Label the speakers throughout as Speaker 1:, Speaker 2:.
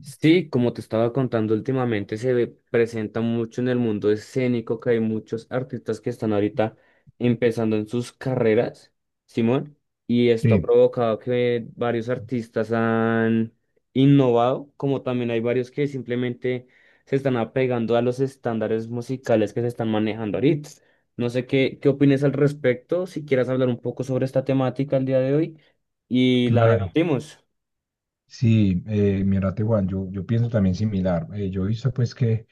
Speaker 1: Sí, como te estaba contando últimamente, presenta mucho en el mundo escénico que hay muchos artistas que están ahorita empezando en sus carreras, Simón, y esto ha
Speaker 2: Sí,
Speaker 1: provocado que varios artistas han innovado, como también hay varios que simplemente se están apegando a los estándares musicales que se están manejando ahorita. No sé qué opinas al respecto, si quieras hablar un poco sobre esta temática el día de hoy y la
Speaker 2: claro.
Speaker 1: debatimos.
Speaker 2: Sí, mira, Tehuan, yo pienso también similar. Yo he visto pues que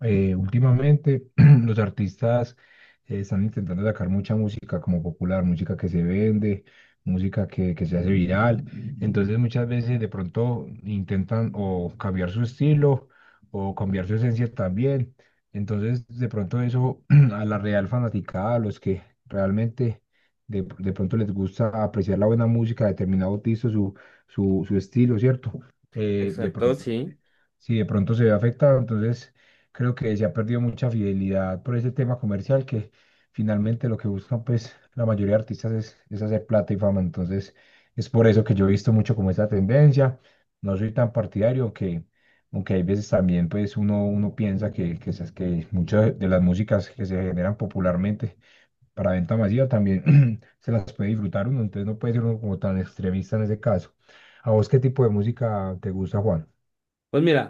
Speaker 2: últimamente los artistas están intentando sacar mucha música como popular, música que se vende, música que se hace viral. Entonces muchas veces de pronto intentan o cambiar su estilo o cambiar su esencia también. Entonces de pronto eso a la real fanaticada, a los que realmente de pronto les gusta apreciar la buena música de determinado artista, su estilo, ¿cierto? De
Speaker 1: Exacto,
Speaker 2: pronto,
Speaker 1: sí.
Speaker 2: si de pronto se ve afectado, entonces creo que se ha perdido mucha fidelidad por ese tema comercial que finalmente lo que buscan pues la mayoría de artistas es hacer plata y fama, entonces es por eso que yo he visto mucho como esa tendencia, no soy tan partidario, aunque, aunque hay veces también pues uno piensa que que muchas de las músicas que se generan popularmente para venta masiva también se las puede disfrutar uno, entonces no puede ser uno como tan extremista en ese caso. ¿A vos qué tipo de música te gusta, Juan?
Speaker 1: Pues mira.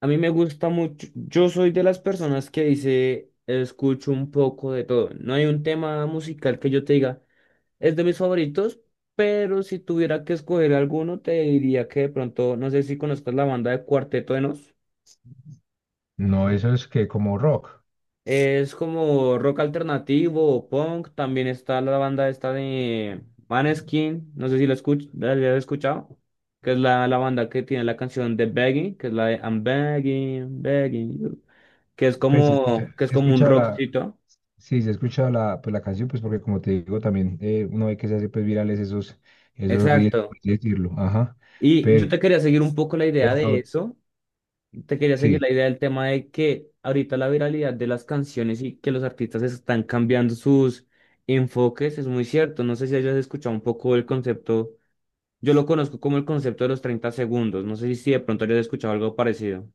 Speaker 1: A mí me gusta mucho, yo soy de las personas que dice, escucho un poco de todo. No hay un tema musical que yo te diga, es de mis favoritos, pero si tuviera que escoger alguno, te diría que de pronto, no sé si conozcas la banda de Cuarteto de Nos.
Speaker 2: No, eso es que como rock.
Speaker 1: Es como rock alternativo o punk. También está la banda esta de Maneskin, no sé si la hayas escuchado, que es la banda que tiene la canción de Begging, que es la de "I'm begging, begging you". que es
Speaker 2: Pues si
Speaker 1: como,
Speaker 2: escucha,
Speaker 1: que es como un rockcito.
Speaker 2: sí, si escucha la, pues, la canción, pues porque como te digo también, uno ve que se hace pues virales esos reels,
Speaker 1: Exacto.
Speaker 2: por así decirlo, ajá.
Speaker 1: Y yo
Speaker 2: Pero
Speaker 1: te quería seguir un poco la idea de eso. Te quería seguir
Speaker 2: sí,
Speaker 1: la idea del tema de que ahorita la viralidad de las canciones y que los artistas están cambiando sus enfoques es muy cierto. No sé si hayas escuchado un poco el concepto. Yo lo conozco como el concepto de los 30 segundos. No sé si de pronto hayas escuchado algo parecido.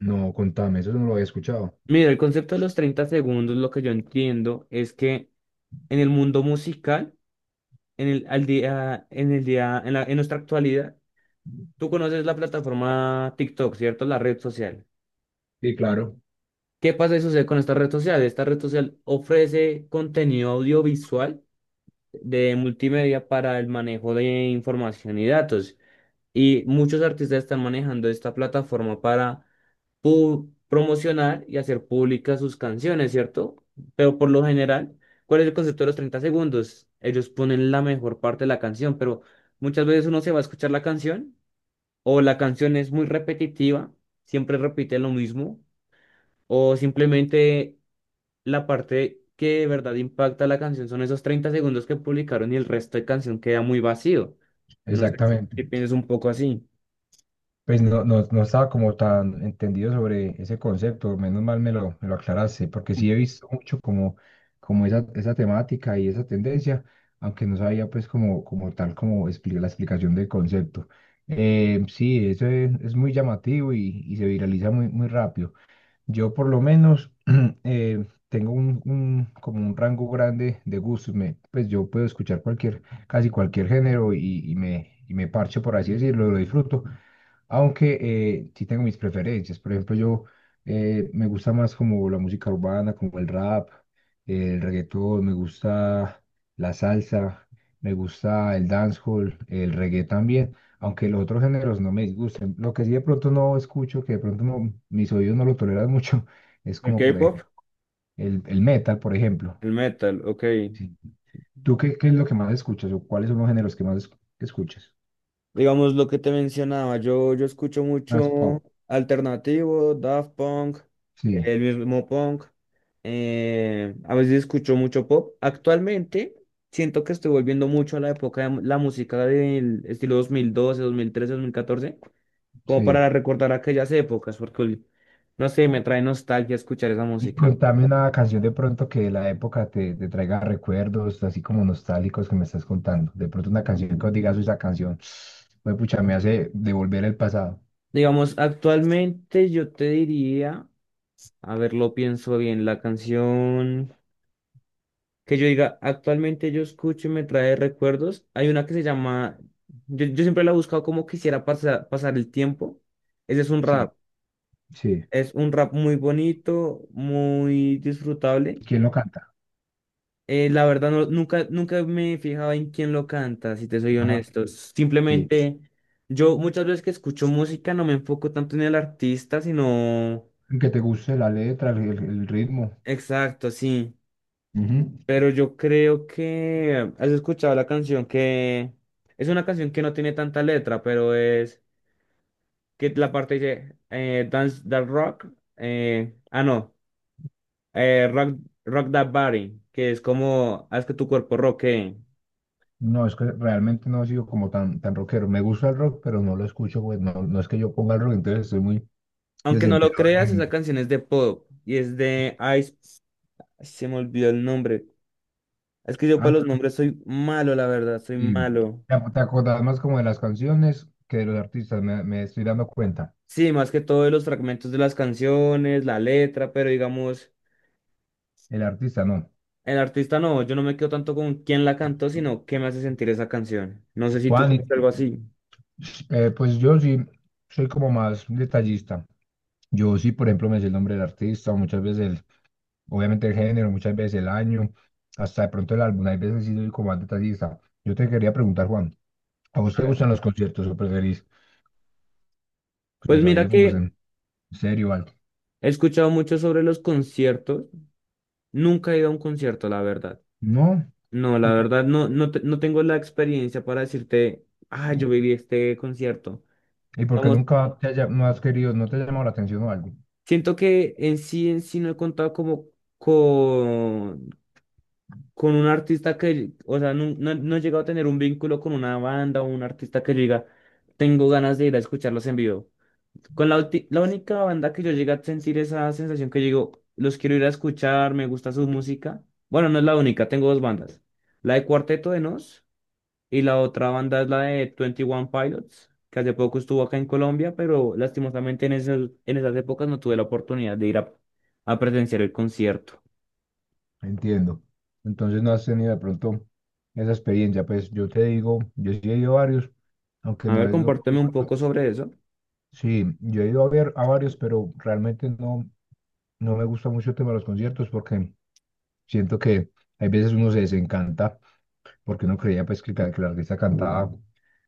Speaker 2: no, contame, eso no lo había escuchado.
Speaker 1: Mira, el concepto de los 30 segundos, lo que yo entiendo es que en el mundo musical, en el, al día, en el día, en nuestra actualidad. Tú conoces la plataforma TikTok, ¿cierto? La red social.
Speaker 2: Sí, claro,
Speaker 1: ¿Qué pasa y sucede con esta red social? Esta red social ofrece contenido audiovisual de multimedia para el manejo de información y datos. Y muchos artistas están manejando esta plataforma para promocionar y hacer públicas sus canciones, ¿cierto? Pero por lo general, ¿cuál es el concepto de los 30 segundos? Ellos ponen la mejor parte de la canción, pero muchas veces uno se va a escuchar la canción, o la canción es muy repetitiva, siempre repite lo mismo, o simplemente la parte que de verdad impacta la canción son esos 30 segundos que publicaron y el resto de canción queda muy vacío. No sé
Speaker 2: exactamente.
Speaker 1: si piensas un poco así.
Speaker 2: Pues no estaba como tan entendido sobre ese concepto, menos mal me lo aclaraste, porque sí he visto mucho como, como esa temática y esa tendencia, aunque no sabía pues como, la explicación del concepto. Sí, eso es muy llamativo y se viraliza muy rápido. Yo por lo menos tengo como un rango grande de gustos, pues yo puedo escuchar cualquier, casi cualquier género y me parcho, por así decirlo, lo disfruto aunque sí tengo mis preferencias. Por ejemplo, yo me gusta más como la música urbana, como el rap, el reggaetón, me gusta la salsa, me gusta el dancehall, el reggae también. Aunque los otros géneros no me disgusten. Lo que sí de pronto no escucho, que de pronto no- mis oídos no lo toleran mucho, es
Speaker 1: El
Speaker 2: como por
Speaker 1: K-pop.
Speaker 2: ejemplo el metal, por ejemplo.
Speaker 1: El metal, ok.
Speaker 2: Sí. ¿Tú qué es lo que más escuchas o cuáles son los géneros que escuchas?
Speaker 1: Digamos lo que te mencionaba, yo escucho
Speaker 2: Más
Speaker 1: mucho
Speaker 2: pop.
Speaker 1: alternativo, Daft Punk,
Speaker 2: Sí,
Speaker 1: el mismo punk, a veces escucho mucho pop. Actualmente siento que estoy volviendo mucho a la época de la música del estilo 2012, 2013, 2014, como
Speaker 2: sí.
Speaker 1: para recordar aquellas épocas, porque no sé, me trae nostalgia escuchar esa
Speaker 2: Y
Speaker 1: música.
Speaker 2: contame una canción de pronto que de la época te traiga recuerdos, así como nostálgicos que me estás contando. De pronto una canción que os digas, "Uy, esa canción, pues pucha, me hace devolver el pasado.
Speaker 1: Digamos, actualmente yo te diría, a ver, lo pienso bien, la canción. Que yo diga, actualmente yo escucho y me trae recuerdos. Hay una que se llama, yo siempre la he buscado como quisiera pasar el tiempo. Ese
Speaker 2: Sí, sí.
Speaker 1: es un rap muy bonito, muy disfrutable.
Speaker 2: ¿Quién lo canta?
Speaker 1: La verdad, nunca me he fijado en quién lo canta, si te soy
Speaker 2: Ajá,
Speaker 1: honesto.
Speaker 2: sí.
Speaker 1: Simplemente, yo muchas veces que escucho música no me enfoco tanto en el artista, sino.
Speaker 2: Que te guste la letra, el ritmo.
Speaker 1: Exacto, sí.
Speaker 2: Ujú.
Speaker 1: Pero yo creo que has escuchado la canción, que es una canción que no tiene tanta letra, pero es que la parte dice Dance That Rock, ah no, rock, Rock That Body, que es como haz que tu cuerpo rockee.
Speaker 2: No, es que realmente no he sido como tan, tan rockero. Me gusta el rock, pero no lo escucho, pues no, no es que yo ponga el rock, entonces estoy muy
Speaker 1: Aunque no lo
Speaker 2: desenterado.
Speaker 1: creas, esa canción es de pop y es de Ice, se me olvidó el nombre. Es que yo para los nombres soy malo, la verdad, soy
Speaker 2: Sí,
Speaker 1: malo.
Speaker 2: te acordás más como de las canciones que de los artistas, me estoy dando cuenta.
Speaker 1: Sí, más que todo de los fragmentos de las canciones, la letra, pero digamos.
Speaker 2: El artista no.
Speaker 1: El artista no, yo no me quedo tanto con quién la cantó, sino qué me hace sentir esa canción. No sé si tú
Speaker 2: Juan,
Speaker 1: sientes algo así.
Speaker 2: pues yo sí soy como más detallista. Yo sí, por ejemplo, me sé el nombre del artista, muchas veces, obviamente el género, muchas veces el año, hasta de pronto el álbum. Hay veces sí soy como más detallista. Yo te quería preguntar, Juan, ¿a vos te
Speaker 1: A ver.
Speaker 2: gustan los conciertos o preferís pues,
Speaker 1: Pues
Speaker 2: los
Speaker 1: mira
Speaker 2: audífonos
Speaker 1: que
Speaker 2: en serio o algo?
Speaker 1: he escuchado mucho sobre los conciertos. Nunca he ido a un concierto, la verdad.
Speaker 2: No.
Speaker 1: No, la
Speaker 2: ¿Y
Speaker 1: verdad, no, no, no tengo la experiencia para decirte, ah, yo viví este concierto.
Speaker 2: por qué
Speaker 1: Digamos,
Speaker 2: nunca te haya, no has querido, no te ha llamado la atención o algo?
Speaker 1: siento que en sí no he contado como con, con un artista que, o sea, no, no, no he llegado a tener un vínculo con una banda o un artista que yo diga, tengo ganas de ir a escucharlos en vivo. Con la única banda que yo llegué a sentir esa sensación que digo, los quiero ir a escuchar, me gusta su música. Bueno, no es la única, tengo dos bandas. La de Cuarteto de Nos y la otra banda es la de Twenty One Pilots, que hace poco estuvo acá en Colombia, pero lastimosamente en esas épocas no tuve la oportunidad de ir a presenciar el concierto.
Speaker 2: Entiendo. Entonces no has tenido de pronto esa experiencia. Pues yo te digo, yo sí he ido a varios, aunque
Speaker 1: A
Speaker 2: no
Speaker 1: ver,
Speaker 2: es lo...
Speaker 1: compárteme un poco sobre eso.
Speaker 2: Sí, yo he ido a ver a varios, pero realmente no, no me gusta mucho el tema de los conciertos porque siento que hay veces uno se desencanta porque uno creía pues que, que la artista cantaba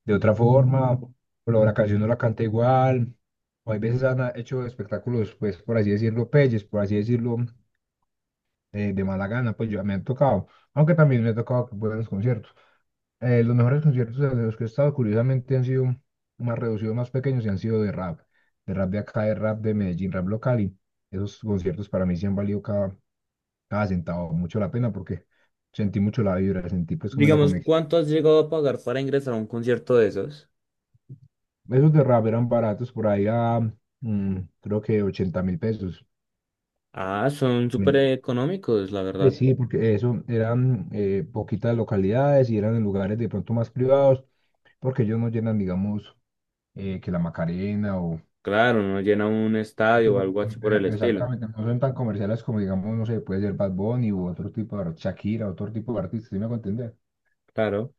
Speaker 2: de otra forma, o la la canción no la canta igual, o hay veces han hecho espectáculos, pues por así decirlo, peyes, por así decirlo, de mala gana, pues yo me han tocado, aunque también me ha tocado que buenos conciertos. Eh, los mejores conciertos de los que he estado, curiosamente, han sido más reducidos, más pequeños y han sido de rap, de rap de acá, de rap de Medellín, rap local. Y esos conciertos para mí sí han valido cada, cada centavo, mucho la pena porque sentí mucho la vibra, sentí pues como esa
Speaker 1: Digamos,
Speaker 2: conexión.
Speaker 1: ¿cuánto has llegado a pagar para ingresar a un concierto de esos?
Speaker 2: Esos de rap eran baratos por ahí a mm, creo que 80.000 pesos.
Speaker 1: Ah, son súper
Speaker 2: Mm.
Speaker 1: económicos, la verdad.
Speaker 2: Sí, porque eso eran poquitas localidades y eran en lugares de pronto más privados, porque ellos no llenan, digamos, que la Macarena o
Speaker 1: Claro, no llena un
Speaker 2: De hecho,
Speaker 1: estadio o algo así por el estilo.
Speaker 2: exactamente, no son tan comerciales como, digamos, no sé, puede ser Bad Bunny u otro tipo Shakira, otro tipo de artista, ¿sí me hago entender?
Speaker 1: Claro.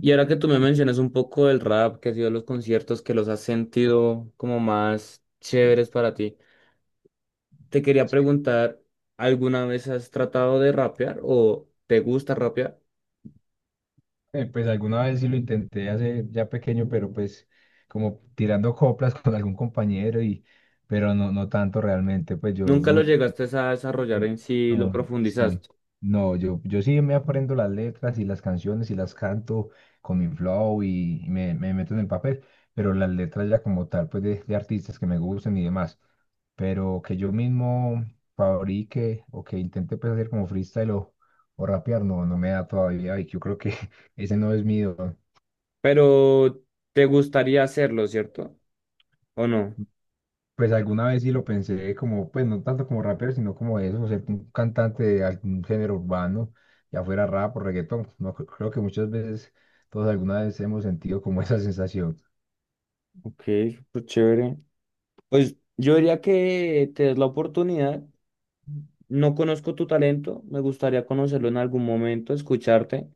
Speaker 1: Y ahora que tú me mencionas un poco del rap, que ha sido los conciertos que los has sentido como más chéveres para ti, te quería preguntar, ¿alguna vez has tratado de rapear o te gusta rapear?
Speaker 2: Pues alguna vez sí lo intenté hace ya pequeño, pero pues como tirando coplas con algún compañero y pero no tanto realmente, pues yo
Speaker 1: Nunca lo
Speaker 2: no
Speaker 1: llegaste a desarrollar en sí, lo
Speaker 2: No, sí.
Speaker 1: profundizaste,
Speaker 2: No, yo sí me aprendo las letras y las canciones y las canto con mi flow y me meto en el papel, pero las letras ya como tal, pues de artistas que me gusten y demás, pero que yo mismo fabrique o que intente pues hacer como freestyle o rapear, no, no me da todavía y yo creo que ese no es mío.
Speaker 1: pero te gustaría hacerlo, ¿cierto? ¿O no?
Speaker 2: Pues alguna vez sí lo pensé como, pues no tanto como rapero, sino como eso, ser un cantante de algún género urbano, ya fuera rap o reggaetón. No, creo que muchas veces, todos alguna vez hemos sentido como esa sensación.
Speaker 1: Ok, súper chévere. Pues yo diría que te des la oportunidad. No conozco tu talento, me gustaría conocerlo en algún momento, escucharte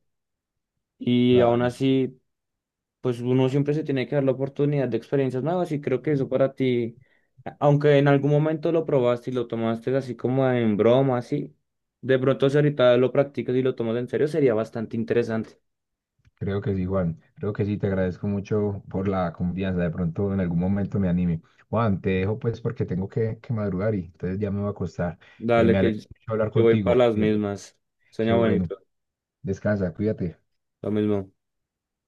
Speaker 1: y
Speaker 2: La-
Speaker 1: aún así, pues uno siempre se tiene que dar la oportunidad de experiencias nuevas y creo que eso para ti, aunque en algún momento lo probaste y lo tomaste así como en broma, así, de pronto si ahorita lo practicas y lo tomas en serio sería bastante interesante.
Speaker 2: creo que sí, Juan. Creo que sí, te agradezco mucho por la confianza. De pronto en algún momento me anime. Juan, te dejo pues porque tengo que madrugar y entonces ya me voy a acostar.
Speaker 1: Dale
Speaker 2: Me
Speaker 1: que
Speaker 2: alegro mucho hablar
Speaker 1: yo voy para
Speaker 2: contigo.
Speaker 1: las mismas,
Speaker 2: Qué
Speaker 1: sueña
Speaker 2: bueno.
Speaker 1: bonito,
Speaker 2: Descansa, cuídate.
Speaker 1: lo mismo.